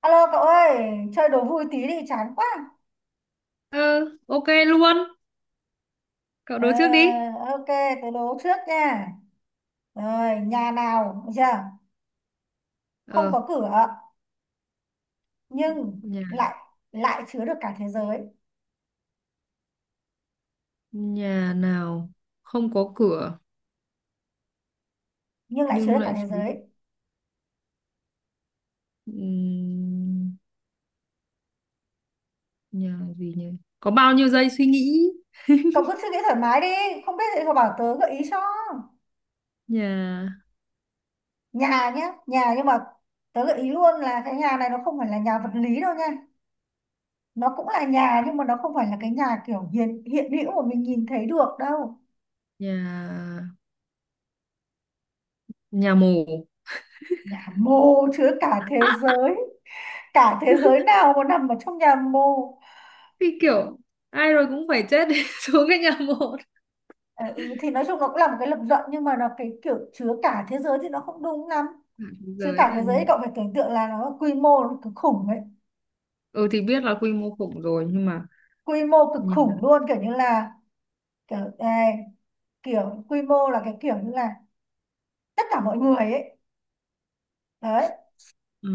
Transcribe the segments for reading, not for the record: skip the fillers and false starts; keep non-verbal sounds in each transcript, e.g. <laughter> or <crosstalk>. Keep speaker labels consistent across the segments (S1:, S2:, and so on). S1: Alo cậu ơi, chơi đố vui tí đi chán quá.
S2: Ừ, ok luôn. Cậu
S1: Ờ,
S2: đố trước đi.
S1: ok, tớ đố trước nha. Rồi, nhà nào, được chưa? Không
S2: Ờ,
S1: có cửa nhưng
S2: nhà
S1: lại lại chứa được cả thế giới,
S2: nhà nào không có cửa
S1: nhưng lại chứa
S2: nhưng
S1: được cả
S2: lại
S1: thế
S2: chứa được.
S1: giới.
S2: Ừm, Nhà gì nhỉ? Có bao nhiêu giây suy nghĩ?
S1: Cậu cứ suy nghĩ thoải mái đi, không biết thì cậu bảo tớ gợi ý cho.
S2: Nhà
S1: Nhà nhá, nhà nhưng mà tớ gợi ý luôn là cái nhà này nó không phải là nhà vật lý đâu nha. Nó cũng là nhà nhưng mà nó không phải là cái nhà kiểu hiện hiện hữu mà mình nhìn thấy được đâu.
S2: nhà nhà mồ.
S1: Nhà mô chứa cả thế giới. Cả thế giới nào mà nằm ở trong nhà mồ?
S2: Thì kiểu ai rồi cũng phải chết để <laughs> xuống cái nhà mồ.
S1: Ờ, ừ, thì nói chung nó cũng là một cái lập luận nhưng mà nó cái kiểu chứa cả thế giới thì nó không đúng lắm.
S2: Cả thế
S1: Chứa
S2: giới
S1: cả thế
S2: là
S1: giới thì cậu phải tưởng tượng là nó quy mô nó cực khủng ấy,
S2: ừ thì biết là quy mô khủng rồi nhưng mà
S1: quy mô cực
S2: nhà
S1: khủng luôn, kiểu như là kiểu này, kiểu quy mô là cái kiểu như là tất cả mọi người ấy, đấy,
S2: ừ,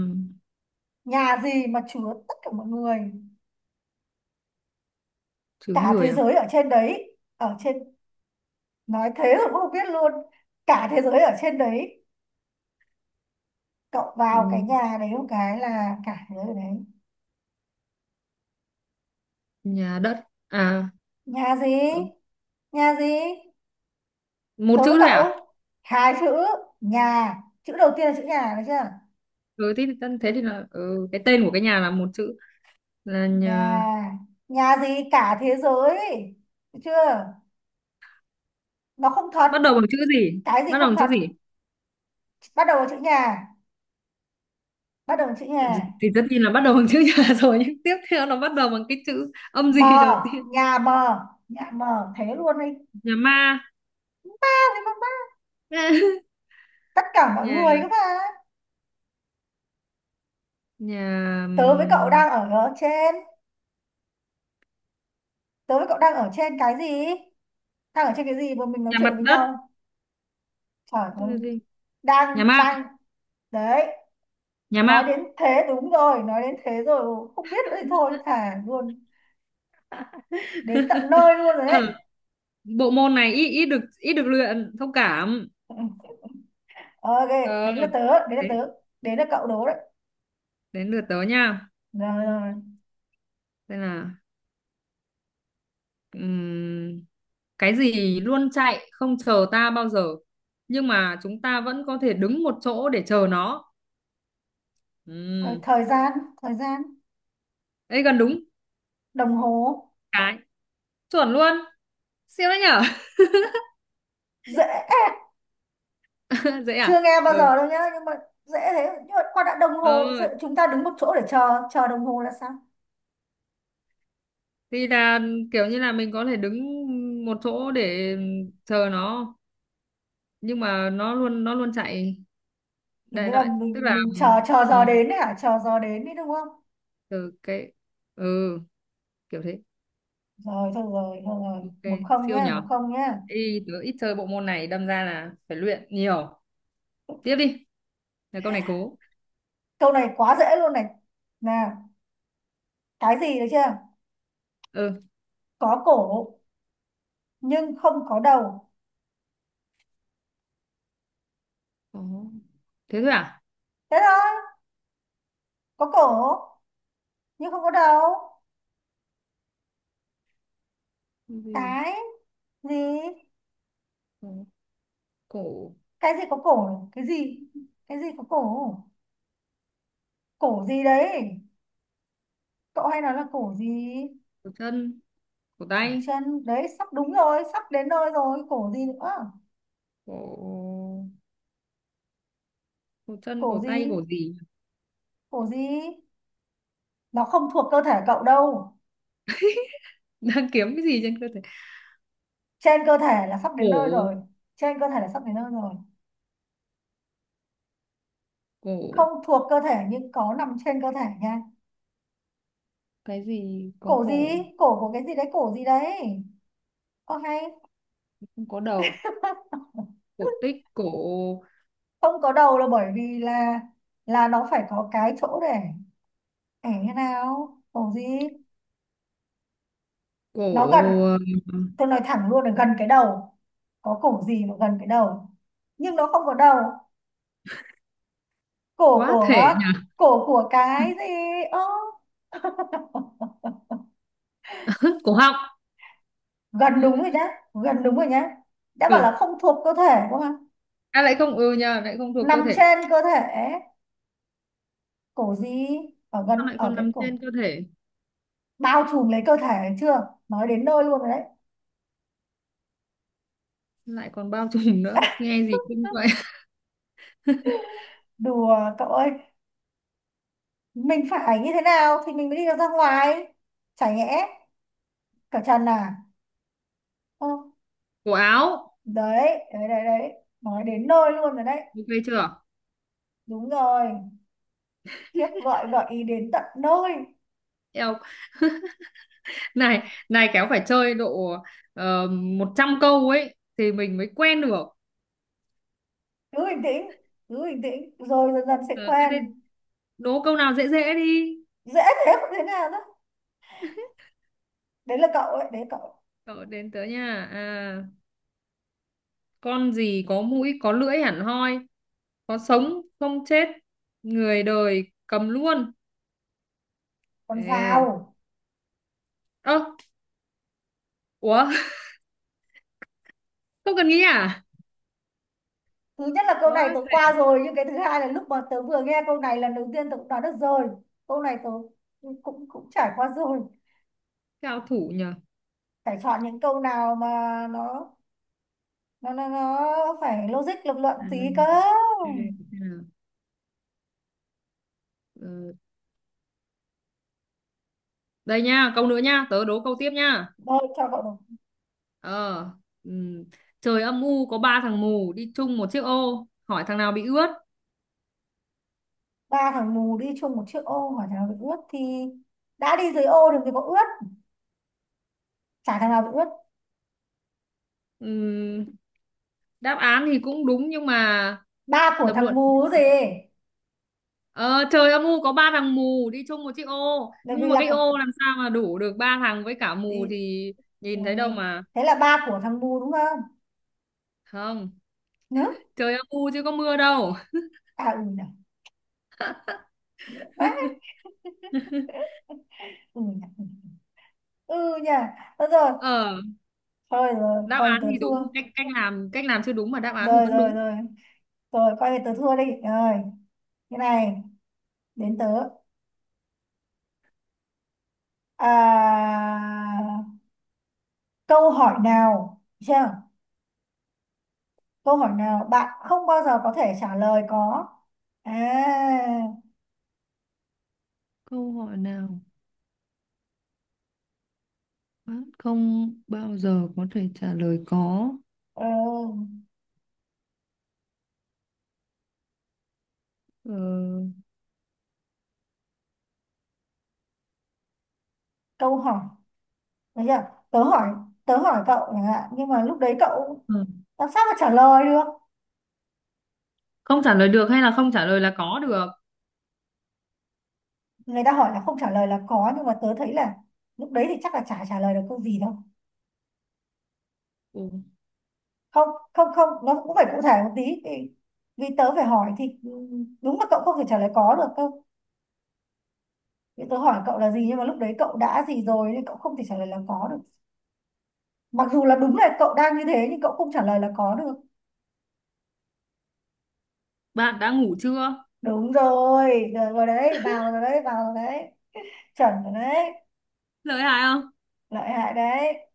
S1: nhà gì mà chứa tất cả mọi người,
S2: chứa
S1: cả thế
S2: người à?
S1: giới ở trên đấy, ở trên. Nói thế rồi cũng không biết luôn. Cả thế giới ở trên đấy, cậu vào cái
S2: Ừm,
S1: nhà đấy một cái là cả thế giới ở đấy.
S2: Nhà đất à?
S1: Nhà gì?
S2: Ừ,
S1: Nhà gì?
S2: một
S1: Tớ với
S2: chữ thôi à?
S1: cậu. Hai chữ. Nhà. Chữ đầu tiên là chữ nhà, được chưa?
S2: Ừ thế thì thế thì là ừ, cái tên của cái nhà là một chữ, là nhà.
S1: Nhà. Nhà gì cả thế giới. Được chưa? Nó không thật.
S2: Bắt đầu bằng chữ gì?
S1: Cái gì
S2: Bắt đầu
S1: không
S2: bằng chữ
S1: thật?
S2: gì?
S1: Bắt đầu bằng chữ nhà. Bắt đầu bằng chữ nhà.
S2: Thì tất nhiên là bắt đầu bằng chữ nhà <laughs> rồi, nhưng tiếp theo nó bắt đầu bằng cái chữ âm gì đầu
S1: Mờ.
S2: tiên?
S1: Nhà mờ. Nhà mờ. Thế luôn đi.
S2: Nhà ma.
S1: À, thế mà bắt.
S2: <laughs>
S1: Tất cả mọi
S2: nhà
S1: người các bạn.
S2: nhà
S1: Tớ với cậu đang ở ở trên. Tớ với cậu đang ở trên cái gì? Đang ở trên cái gì mà mình nói
S2: nhà
S1: chuyện được
S2: mặt
S1: với
S2: đất.
S1: nhau? Trời
S2: Thế
S1: ơi.
S2: là gì?
S1: Đang,
S2: Nhà mạng.
S1: đang. Đấy.
S2: Nhà
S1: Nói
S2: mạng.
S1: đến thế đúng rồi, nói đến thế rồi không biết nữa thì thôi thả luôn, đến tận
S2: <laughs>
S1: nơi luôn rồi đấy.
S2: Ừ. Bộ môn này ít ít được luyện, thông cảm.
S1: Ờ, ok.
S2: Ờ,
S1: Đến là tớ
S2: đến
S1: đến là cậu đố đấy.
S2: đến lượt tớ nha.
S1: Rồi, rồi. Rồi,
S2: Đây là Ừm, cái gì luôn chạy không chờ ta bao giờ, nhưng mà chúng ta vẫn có thể đứng một chỗ để chờ nó?
S1: Ờ,
S2: Ừm,
S1: thời gian,
S2: Ấy gần đúng.
S1: đồng hồ.
S2: cái Chuẩn luôn. Siêu đấy nhở.
S1: Dễ.
S2: <laughs> Dễ
S1: Chưa
S2: à?
S1: nghe bao
S2: Ừ.
S1: giờ đâu nhá nhưng mà dễ thế, nhưng mà qua đã đồng hồ
S2: Ừ
S1: sợ chúng ta đứng một chỗ để chờ chờ đồng hồ là sao?
S2: thì là kiểu như là mình có thể đứng một chỗ để chờ nó, nhưng mà nó luôn chạy.
S1: Kiểu
S2: Đại
S1: như là
S2: loại tức
S1: mình
S2: là
S1: mình chờ chờ
S2: ừ,
S1: giờ đến đấy hả, chờ giờ đến đấy đúng không?
S2: từ cái ừ kiểu thế.
S1: Rồi thôi, rồi
S2: Ok.
S1: một không
S2: Siêu
S1: nhá, một
S2: nhở.
S1: không nhá.
S2: Ê, tớ ít chơi bộ môn này đâm ra là phải luyện nhiều. Tiếp đi. Là câu này cố.
S1: Câu này quá dễ luôn này, nè, cái gì được chưa?
S2: Ừ.
S1: Có cổ nhưng không có đầu.
S2: Cố. Thế thôi à?
S1: Thế thôi. Có cổ nhưng không có đầu.
S2: Cái gì?
S1: Cái gì?
S2: Cố. Cổ.
S1: Cái gì có cổ? Cái gì? Cái gì có cổ? Cổ gì đấy? Cậu hay nói là cổ gì?
S2: Cổ chân. Cổ
S1: Cổ
S2: tay.
S1: chân đấy, sắp đúng rồi, sắp đến nơi rồi. Cổ gì nữa?
S2: Cổ. Cổ chân,
S1: Cổ
S2: cổ tay,
S1: gì?
S2: cổ gì? <laughs>
S1: Cổ gì? Nó không thuộc cơ thể cậu đâu.
S2: Đang kiếm cái gì trên cơ thể?
S1: Trên cơ thể là sắp đến nơi
S2: Cổ.
S1: rồi. Trên cơ thể là sắp đến nơi rồi.
S2: Cổ.
S1: Không thuộc cơ thể nhưng có nằm trên cơ thể nha.
S2: Cái gì có
S1: Cổ gì?
S2: cổ
S1: Cổ của cái gì đấy? Cổ gì đấy? Ok.
S2: không có đầu?
S1: <laughs>
S2: Cổ tích. Cổ.
S1: Không có đầu là bởi vì là nó phải có cái chỗ để thế nào. Cổ gì? Nó gần,
S2: Cổ. ừm,
S1: tôi nói thẳng luôn là gần cái đầu. Có cổ gì mà gần cái đầu nhưng nó không có đầu? Cổ
S2: Quá thể
S1: của,
S2: nhỉ?
S1: cổ của cái gì? Ơ,
S2: <laughs> Cổ họng.
S1: gần đúng rồi nhá, gần đúng rồi nhá. Đã bảo là
S2: Cổ.
S1: không thuộc cơ thể đúng không?
S2: À, lại không ừ nhỉ, lại không thuộc cơ
S1: Nằm
S2: thể.
S1: trên cơ thể. Cổ gì? Ở
S2: Sao
S1: gần,
S2: lại
S1: ở
S2: còn
S1: cái
S2: nằm
S1: cổ,
S2: trên cơ thể?
S1: bao trùm lấy cơ thể, chưa nói đến nơi luôn rồi đấy.
S2: Lại còn bao trùm nữa. Nghe gì kinh vậy? <laughs>
S1: Đùa cậu ơi, mình phải như thế nào thì mình mới đi được ra ngoài? Chả nhẽ cởi trần à? Ơ,
S2: Cổ áo.
S1: đấy, đấy đấy đấy, nói đến nơi luôn rồi đấy.
S2: Ok chưa?
S1: Đúng rồi. Khiếp, gọi gợi ý đến tận nơi.
S2: Eo, này này, kéo phải chơi độ 100 câu ấy thì mình mới quen được.
S1: Cứ bình tĩnh, cứ bình tĩnh rồi dần dần sẽ
S2: Ờ, ơ
S1: quen.
S2: thế đố câu nào dễ dễ đi.
S1: Dễ thế, không thế nào đó, đấy là cậu ấy đấy cậu.
S2: Ờ, đến tớ nha. À, con gì có mũi có lưỡi hẳn hoi, có sống không chết, người đời cầm luôn?
S1: Còn
S2: Ê,
S1: giàu.
S2: ơ, ủa. <laughs> Không cần nghĩ à?
S1: Thứ nhất là câu này
S2: Có.
S1: tớ qua rồi, nhưng cái thứ hai là lúc mà tớ vừa nghe câu này lần đầu tiên tớ cũng đoán được rồi. Câu này tớ cũng cũng cũng trải qua rồi.
S2: Cao thủ nhờ.
S1: Phải chọn những câu nào mà nó nó phải logic lập luận
S2: À,
S1: tí cơ.
S2: ừ, ừ. Ờ, đây nha, câu nữa nha, tớ đố câu tiếp nha.
S1: Thôi cho cậu được.
S2: Ờ, ừm, trời âm u có ba thằng mù đi chung một chiếc ô, hỏi thằng nào bị ướt?
S1: Ba thằng mù đi chung một chiếc ô hỏi thằng nào bị ướt thì đã đi dưới ô đừng thì có ướt, chả thằng nào bị ướt.
S2: Ừm, Đáp án thì cũng đúng nhưng mà
S1: Ba của
S2: lập
S1: thằng
S2: luận.
S1: mù gì?
S2: Ờ, trời âm u có ba thằng mù đi chung một chiếc ô,
S1: Bởi
S2: nhưng
S1: vì
S2: mà
S1: là
S2: cái
S1: cậu
S2: ô làm sao mà đủ được ba thằng, với cả mù
S1: thì,
S2: thì
S1: ừ,
S2: nhìn thấy đâu mà.
S1: thế là ba của thằng mù đúng không
S2: Không,
S1: nữa.
S2: trời âm u chứ có mưa đâu.
S1: À ừ nhỉ. Vãi, ừ nhỉ, ừ nhỉ. Thôi rồi,
S2: Ờ,
S1: thôi rồi
S2: đáp
S1: coi như
S2: án
S1: tớ
S2: thì đúng,
S1: thua.
S2: cách cách làm chưa đúng mà đáp án thì
S1: Rồi
S2: vẫn
S1: rồi
S2: đúng.
S1: rồi, rồi coi như tớ thua đi rồi. Cái này, đến tớ. À, câu hỏi nào, chưa, câu hỏi nào bạn không bao giờ có thể trả lời có. À,
S2: Câu hỏi nào bác không bao giờ có thể trả lời có?
S1: ừ, câu hỏi, được chưa? Tớ hỏi, tớ hỏi cậu chẳng hạn nhưng mà lúc đấy cậu
S2: Ờ,
S1: làm sao mà trả lời được.
S2: không trả lời được hay là không trả lời là có được?
S1: Người ta hỏi là không trả lời là có nhưng mà tớ thấy là lúc đấy thì chắc là chả trả lời được câu gì đâu.
S2: Ồ,
S1: Không, không nó cũng phải cụ thể một tí vì, vì tớ phải hỏi thì ừ, đúng là cậu không thể trả lời có được cơ. Vì tớ hỏi cậu là gì nhưng mà lúc đấy cậu đã gì rồi nên cậu không thể trả lời là có được, mặc dù là đúng là cậu đang như thế nhưng cậu không trả lời là có được.
S2: bạn đã ngủ chưa?
S1: Đúng rồi, rồi, rồi đấy vào rồi đấy, vào rồi đấy, chuẩn rồi đấy.
S2: Lợi hại không?
S1: Lợi hại đấy,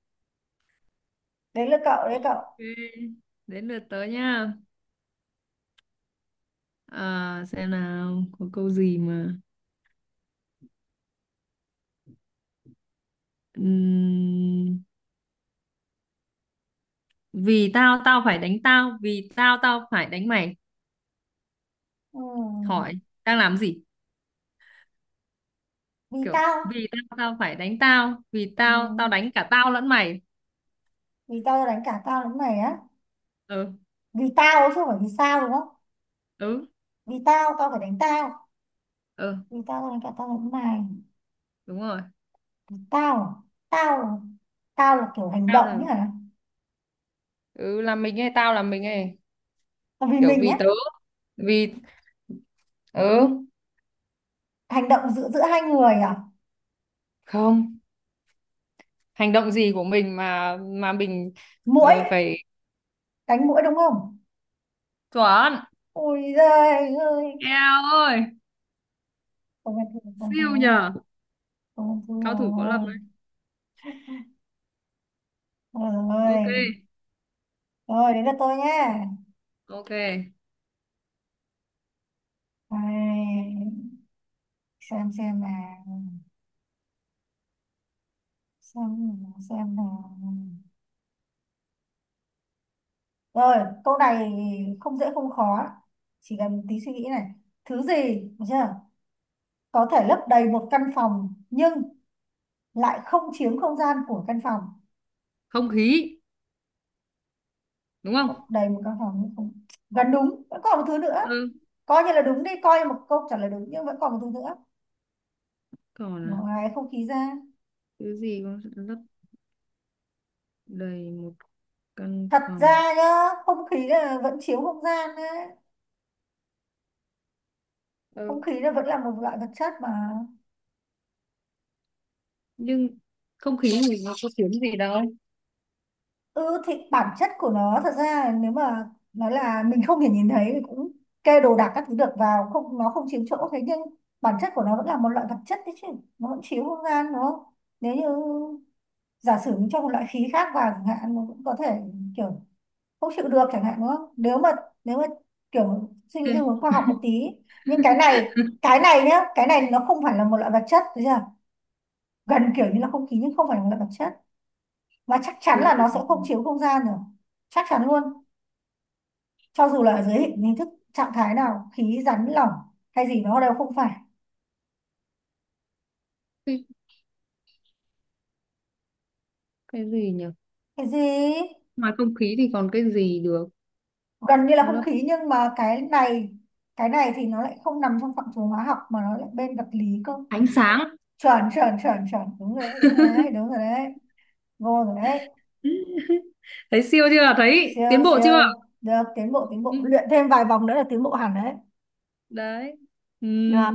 S1: đấy là cậu đấy
S2: Ok,
S1: cậu.
S2: đến lượt tớ nha. À, xem nào, có câu gì mà... Ừm, Vì tao, tao phải đánh tao, vì tao, tao phải đánh mày.
S1: Ừ.
S2: Hỏi, đang làm gì?
S1: Vì
S2: Kiểu,
S1: tao.
S2: vì tao, tao phải đánh tao, vì
S1: Ừ.
S2: tao, tao đánh cả tao lẫn mày.
S1: Vì tao đánh cả tao lẫn mày á?
S2: Ừ,
S1: Vì tao chứ không phải vì sao đúng không?
S2: ừ,
S1: Vì tao tao phải đánh tao.
S2: ừ,
S1: Vì tao tao đánh cả tao lẫn mày.
S2: đúng rồi.
S1: Vì tao à? Tao là- tao là kiểu hành
S2: Tao
S1: động nhỉ.
S2: là... Ừ, là mình hay tao là mình ấy.
S1: Còn vì
S2: Kiểu
S1: mình
S2: vì
S1: á.
S2: tớ, vì... Ừ,
S1: Hành động giữa giữa hai người à?
S2: không. Hành động gì của mình mà mình
S1: Muỗi.
S2: phải.
S1: Đánh muỗi đúng không?
S2: Chuẩn.
S1: Ôi giời ơi.
S2: Eo ơi.
S1: Tôi bình
S2: Siêu
S1: thường,
S2: nhờ.
S1: tôi bình thường
S2: Cao thủ võ lâm
S1: rồi.
S2: đấy. Ok,
S1: Rồi, rồi đến lượt tôi nhé.
S2: ok.
S1: Xem nào, xem nào, xem nào. Rồi, câu này không dễ không khó, chỉ cần tí suy nghĩ này. Thứ gì, được chưa? Có thể lấp đầy một căn phòng nhưng lại không chiếm không gian của căn phòng.
S2: Không khí, đúng không?
S1: Lấp đầy một căn phòng nhưng không... Gần đúng, vẫn còn một thứ nữa.
S2: Ừ,
S1: Coi như là đúng đi, coi như một câu trả lời đúng nhưng vẫn còn một thứ nữa.
S2: còn à?
S1: Ngoài không khí ra.
S2: Thứ gì cũng sẽ lấp đầy một căn
S1: Thật
S2: phòng.
S1: ra nhá, không khí là vẫn chiếu không gian đấy. Không
S2: Ừ.
S1: khí là vẫn là một loại vật chất mà.
S2: Nhưng không khí thì nó có tiếng gì đâu.
S1: Ừ thì bản chất của nó thật ra là nếu mà nói là mình không thể nhìn thấy thì cũng kê đồ đạc các thứ được vào, không nó không chiếm chỗ, thế nhưng bản chất của nó vẫn là một loại vật chất đấy chứ, nó vẫn chiếu không gian đúng không? Nếu như giả sử mình cho một loại khí khác vào chẳng hạn nó cũng có thể kiểu không chịu được chẳng hạn đúng không? Nếu mà kiểu suy nghĩ theo
S2: Ê,
S1: hướng khoa học một tí. Nhưng cái này, nhá cái này nó không phải là một loại vật chất, gần kiểu như là không khí nhưng không phải là vật chất, và chắc chắn
S2: cái
S1: là
S2: gì?
S1: nó sẽ không chiếu không gian rồi, chắc chắn luôn, cho dù là ở dưới hình hình thức trạng thái nào, khí rắn lỏng hay gì nó đều không phải.
S2: cái, cái gì nhỉ?
S1: Cái gì
S2: Ngoài không khí thì còn cái gì được
S1: gần như là không
S2: lấp?
S1: khí nhưng mà cái này, thì nó lại không nằm trong phạm trù hóa học mà nó lại bên vật lý cơ.
S2: Ánh sáng.
S1: Chuẩn chuẩn chuẩn chuẩn đúng rồi đấy, đúng rồi đấy, đúng rồi đấy, vô rồi đấy.
S2: <laughs> Thấy siêu chưa? Thấy tiến
S1: siêu
S2: bộ chưa?
S1: siêu được, tiến bộ tiến
S2: Ừ.
S1: bộ luyện thêm vài vòng nữa là tiến bộ hẳn đấy.
S2: Đấy. Ừ.
S1: Được.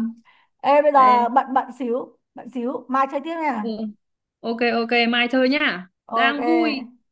S1: Ê bây
S2: Ê.
S1: giờ bận, bận xíu, mai chơi tiếp
S2: Ừ.
S1: nha.
S2: Ok, ok, mai chơi nhá, đang vui.
S1: Ok.